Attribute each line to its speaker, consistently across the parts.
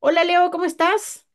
Speaker 1: Hola Leo, ¿cómo estás?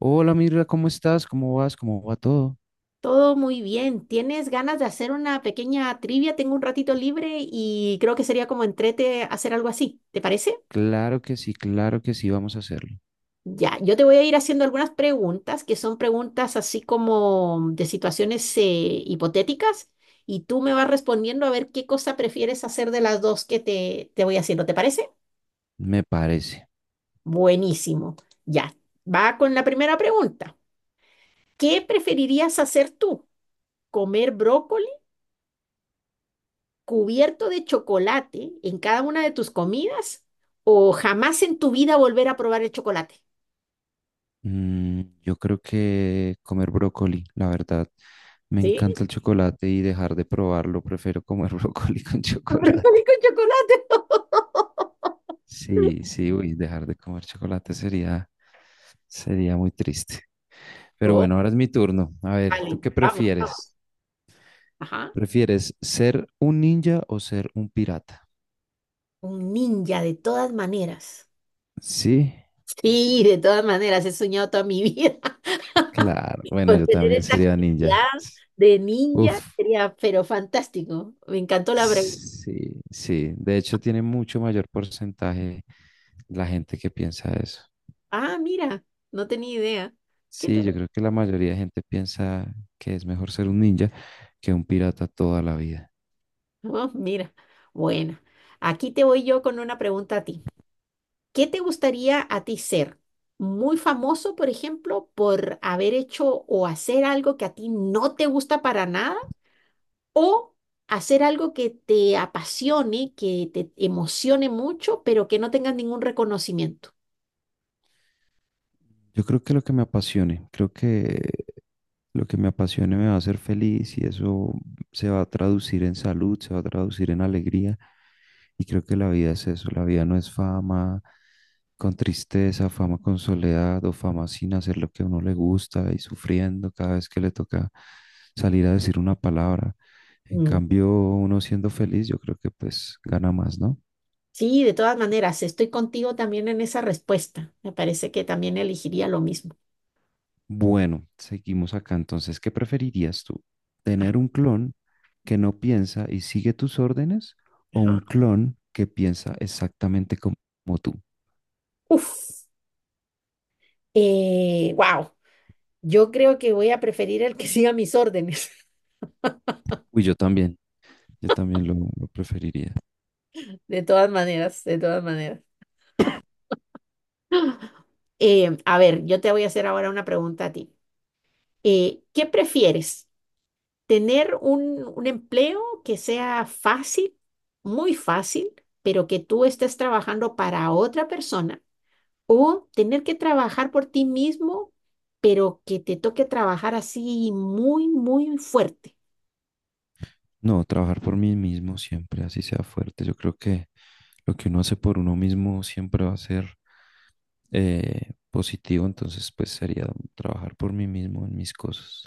Speaker 2: Hola Mirra, ¿cómo estás? ¿Cómo vas? ¿Cómo va todo?
Speaker 1: Todo muy bien. ¿Tienes ganas de hacer una pequeña trivia? Tengo un ratito libre y creo que sería como entrete hacer algo así. ¿Te parece?
Speaker 2: Claro que sí, vamos a hacerlo.
Speaker 1: Ya, yo te voy a ir haciendo algunas preguntas que son preguntas así como de situaciones hipotéticas, y tú me vas respondiendo a ver qué cosa prefieres hacer de las dos que te voy haciendo. ¿Te parece?
Speaker 2: Me parece.
Speaker 1: Buenísimo. Ya, va con la primera pregunta. ¿Qué preferirías hacer tú? ¿Comer brócoli cubierto de chocolate en cada una de tus comidas o jamás en tu vida volver a probar el chocolate?
Speaker 2: Mm, yo creo que comer brócoli, la verdad. Me
Speaker 1: ¿Sí?
Speaker 2: encanta el chocolate y dejar de probarlo, prefiero comer brócoli con
Speaker 1: Brócoli
Speaker 2: chocolate.
Speaker 1: con chocolate.
Speaker 2: Sí, sí, uy, dejar de comer chocolate sería, sería muy triste. Pero
Speaker 1: Oh,
Speaker 2: bueno, ahora es mi turno. A ver, ¿tú
Speaker 1: vale,
Speaker 2: qué
Speaker 1: vamos, vamos.
Speaker 2: prefieres?
Speaker 1: Ajá.
Speaker 2: ¿Prefieres ser un ninja o ser un pirata?
Speaker 1: Un ninja de todas maneras.
Speaker 2: Sí,
Speaker 1: Sí, de todas maneras, he soñado toda mi vida
Speaker 2: claro. Bueno,
Speaker 1: con
Speaker 2: yo
Speaker 1: tener
Speaker 2: también
Speaker 1: esa
Speaker 2: sería
Speaker 1: actividad
Speaker 2: ninja.
Speaker 1: de
Speaker 2: Uf,
Speaker 1: ninja, sería, pero fantástico. Me encantó la pregunta.
Speaker 2: sí, sí. De hecho, tiene mucho mayor porcentaje la gente que piensa eso.
Speaker 1: Ah, mira, no tenía idea. Qué.
Speaker 2: Sí, yo creo que la mayoría de gente piensa que es mejor ser un ninja que un pirata toda la vida.
Speaker 1: Oh, mira, bueno, aquí te voy yo con una pregunta a ti. ¿Qué te gustaría a ti ser? ¿Muy famoso, por ejemplo, por haber hecho o hacer algo que a ti no te gusta para nada? ¿O hacer algo que te apasione, que te emocione mucho, pero que no tengas ningún reconocimiento?
Speaker 2: Yo creo que lo que me apasione me va a hacer feliz y eso se va a traducir en salud, se va a traducir en alegría. Y creo que la vida es eso, la vida no es fama con tristeza, fama con soledad o fama sin hacer lo que a uno le gusta y sufriendo cada vez que le toca salir a decir una palabra. En
Speaker 1: Mm.
Speaker 2: cambio, uno siendo feliz, yo creo que pues gana más, ¿no?
Speaker 1: Sí, de todas maneras, estoy contigo también en esa respuesta. Me parece que también elegiría lo mismo.
Speaker 2: Bueno, seguimos acá. Entonces, ¿qué preferirías tú? ¿Tener un clon que no piensa y sigue tus órdenes o un
Speaker 1: Ajá.
Speaker 2: clon que piensa exactamente como tú?
Speaker 1: Uf, wow. Yo creo que voy a preferir el que siga mis órdenes.
Speaker 2: Uy, yo también lo preferiría.
Speaker 1: De todas maneras, de todas maneras. A ver, yo te voy a hacer ahora una pregunta a ti. ¿Qué prefieres? ¿Tener un empleo que sea fácil, muy fácil, pero que tú estés trabajando para otra persona? ¿O tener que trabajar por ti mismo, pero que te toque trabajar así muy fuerte?
Speaker 2: No, trabajar por mí mismo siempre, así sea fuerte. Yo creo que lo que uno hace por uno mismo siempre va a ser positivo, entonces pues sería trabajar por mí mismo en mis cosas.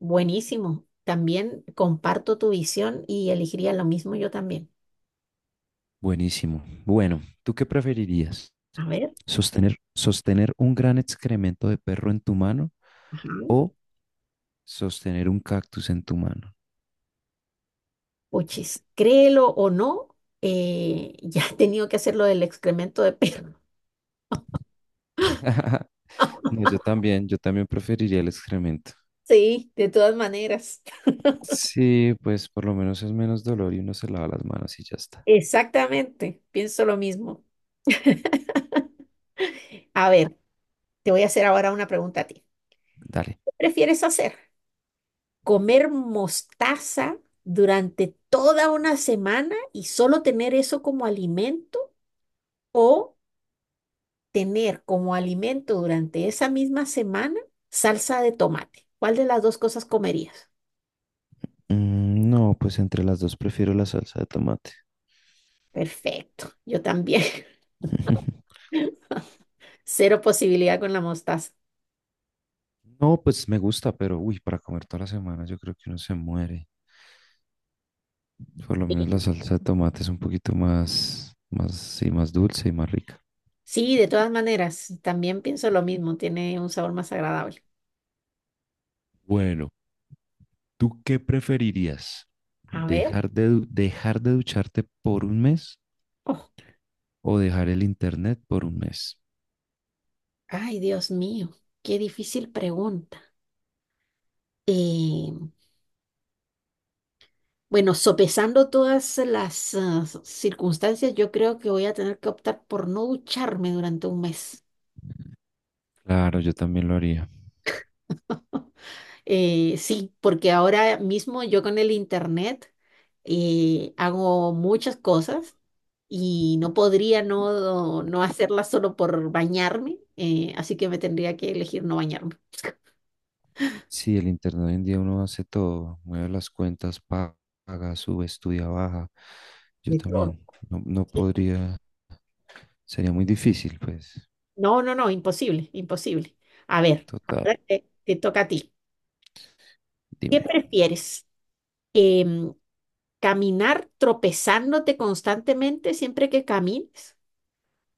Speaker 1: Buenísimo. También comparto tu visión y elegiría lo mismo yo también.
Speaker 2: Buenísimo. Bueno, ¿tú qué preferirías?
Speaker 1: A ver,
Speaker 2: Sostener un gran excremento de perro en tu mano
Speaker 1: ajá.
Speaker 2: o sostener un cactus en tu mano.
Speaker 1: Puchis, créelo o no, ya he tenido que hacer lo del excremento de perro.
Speaker 2: No, yo también preferiría el excremento.
Speaker 1: Sí, de todas maneras.
Speaker 2: Sí, pues por lo menos es menos dolor y uno se lava las manos y ya está.
Speaker 1: Exactamente, pienso lo mismo. A ver, te voy a hacer ahora una pregunta a ti.
Speaker 2: Dale.
Speaker 1: ¿Qué prefieres hacer? ¿Comer mostaza durante toda una semana y solo tener eso como alimento o tener como alimento durante esa misma semana salsa de tomate? ¿Cuál de las dos cosas comerías?
Speaker 2: Mm, no, pues entre las dos prefiero la salsa de tomate.
Speaker 1: Perfecto, yo también. Cero posibilidad con la mostaza.
Speaker 2: No, pues me gusta, pero uy, para comer toda la semana yo creo que uno se muere. Por lo menos la salsa de tomate es un poquito sí, más dulce y más rica.
Speaker 1: Sí, de todas maneras, también pienso lo mismo, tiene un sabor más agradable.
Speaker 2: Bueno, ¿tú qué preferirías?
Speaker 1: A ver,
Speaker 2: ¿Dejar de, dejar de ducharte por un mes
Speaker 1: oh,
Speaker 2: o dejar el internet por un mes?
Speaker 1: ay, Dios mío, qué difícil pregunta. Eh, Bueno, sopesando todas las circunstancias, yo creo que voy a tener que optar por no ducharme durante un mes.
Speaker 2: Claro, yo también lo haría.
Speaker 1: Sí, porque ahora mismo yo con el internet hago muchas cosas y no podría no hacerlas solo por bañarme, así que me tendría que elegir no bañarme.
Speaker 2: Sí, el internet hoy en día uno hace todo, mueve las cuentas, paga, sube, estudia, baja. Yo
Speaker 1: De todo.
Speaker 2: también, no, no podría, sería muy difícil, pues.
Speaker 1: No, no, no, imposible, imposible. A ver,
Speaker 2: Total,
Speaker 1: te toca a ti. ¿Qué
Speaker 2: dime.
Speaker 1: prefieres? Em, ¿Caminar tropezándote constantemente siempre que camines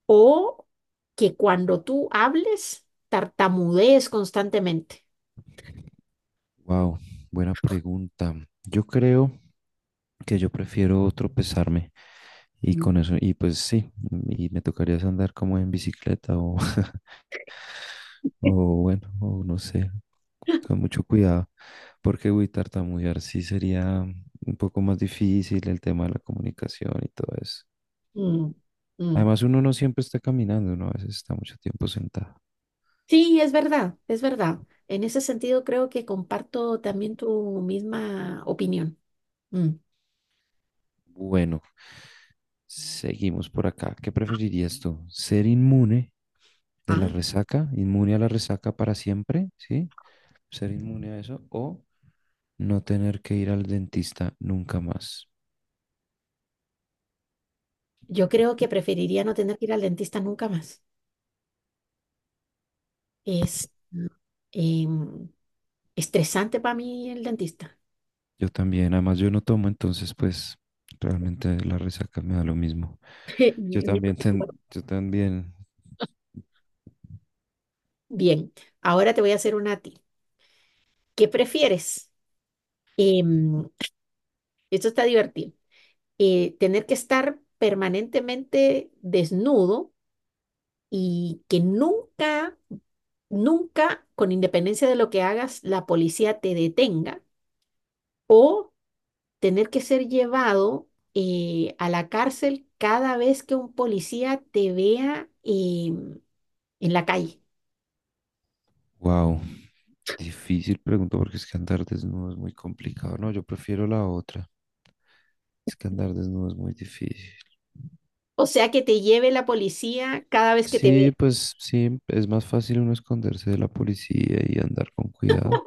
Speaker 1: o que cuando tú hables tartamudees constantemente?
Speaker 2: Wow, buena pregunta. Yo creo que yo prefiero tropezarme y
Speaker 1: Mm.
Speaker 2: con eso, y pues sí, y me tocaría es andar como en bicicleta o o bueno, o no sé, con mucho cuidado, porque uy, tartamudear sí sería un poco más difícil el tema de la comunicación y todo eso.
Speaker 1: Mm, mm.
Speaker 2: Además, uno no siempre está caminando, uno a veces está mucho tiempo sentado.
Speaker 1: Sí, es verdad, es verdad. En ese sentido creo que comparto también tu misma opinión. Mm.
Speaker 2: Bueno, seguimos por acá. ¿Qué preferirías tú? ¿Ser inmune de la
Speaker 1: Ah,
Speaker 2: resaca, inmune a la resaca para siempre, sí? ¿Ser inmune a eso o no tener que ir al dentista nunca más?
Speaker 1: yo creo que preferiría no tener que ir al dentista nunca más. Es mm, em, estresante para mí el dentista.
Speaker 2: Yo también, además yo no tomo, entonces pues realmente la resaca me da lo mismo. Yo también, yo también,
Speaker 1: Bien, ahora te voy a hacer una a ti. ¿Qué prefieres? Em, Esto está divertido. ¿Tener que estar permanentemente desnudo y que nunca, nunca, con independencia de lo que hagas, la policía te detenga, o tener que ser llevado a la cárcel cada vez que un policía te vea en la calle?
Speaker 2: wow, difícil pregunta porque es que andar desnudo es muy complicado. No, yo prefiero la otra. Es que andar desnudo es muy difícil.
Speaker 1: O sea, que te lleve la policía cada vez que te vea.
Speaker 2: Sí, pues sí, es más fácil uno esconderse de la policía y andar con cuidado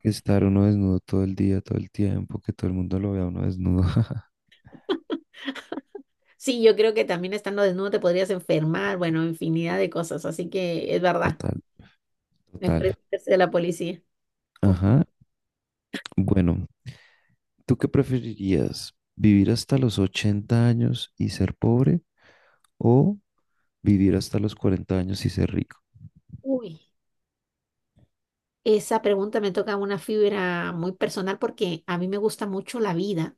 Speaker 2: que estar uno desnudo todo el día, todo el tiempo, que todo el mundo lo vea uno desnudo.
Speaker 1: Sí, yo creo que también estando desnudo te podrías enfermar, bueno, infinidad de cosas, así que es verdad,
Speaker 2: Total, total.
Speaker 1: mejor esconderse de la policía. Oh,
Speaker 2: Ajá. Bueno, ¿tú qué preferirías? ¿Vivir hasta los 80 años y ser pobre o vivir hasta los 40 años y ser rico?
Speaker 1: uy, esa pregunta me toca una fibra muy personal porque a mí me gusta mucho la vida.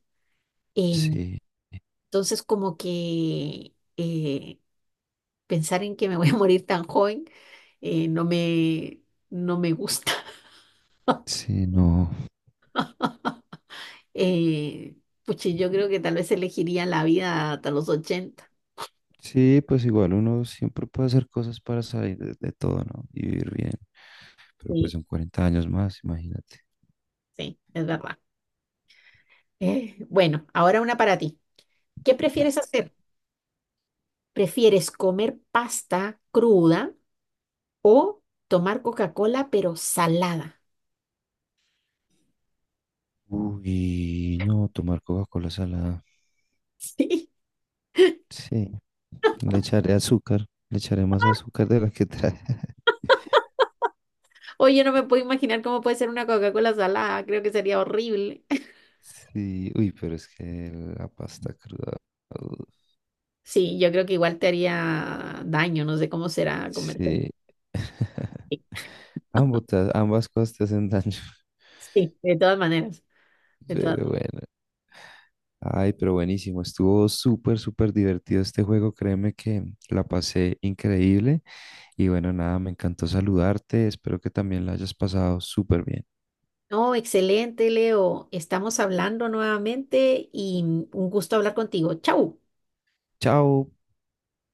Speaker 1: em,
Speaker 2: Sí,
Speaker 1: entonces, como que pensar en que me voy a morir tan joven no me, no me gusta.
Speaker 2: sí, no.
Speaker 1: Eh, puchi, yo creo que tal vez elegiría la vida hasta los 80.
Speaker 2: Sí, pues igual uno siempre puede hacer cosas para salir de todo, ¿no? Y vivir bien. Pero pues
Speaker 1: Sí,
Speaker 2: son 40 años más, imagínate.
Speaker 1: sí, es verdad. Bueno, ahora una para ti. ¿Qué
Speaker 2: Dale.
Speaker 1: prefieres hacer? ¿Prefieres comer pasta cruda o tomar Coca-Cola pero salada?
Speaker 2: Uy, no, tomar Coca-Cola salada.
Speaker 1: Sí.
Speaker 2: Sí, le echaré azúcar, le echaré más azúcar de la que trae.
Speaker 1: Oye, no me puedo imaginar cómo puede ser una Coca-Cola salada. Creo que sería horrible.
Speaker 2: Sí, uy, pero es que la pasta cruda. Uh,
Speaker 1: Sí, yo creo que igual te haría daño. No sé cómo será comer.
Speaker 2: sí.
Speaker 1: Sí,
Speaker 2: Ambas cosas te hacen daño.
Speaker 1: sí, de todas maneras. De todas.
Speaker 2: Pero bueno. Ay, pero buenísimo. Estuvo súper, súper divertido este juego. Créeme que la pasé increíble. Y bueno, nada, me encantó saludarte. Espero que también la hayas pasado súper bien.
Speaker 1: No, excelente, Leo. Estamos hablando nuevamente y un gusto hablar contigo. Chau.
Speaker 2: Chao.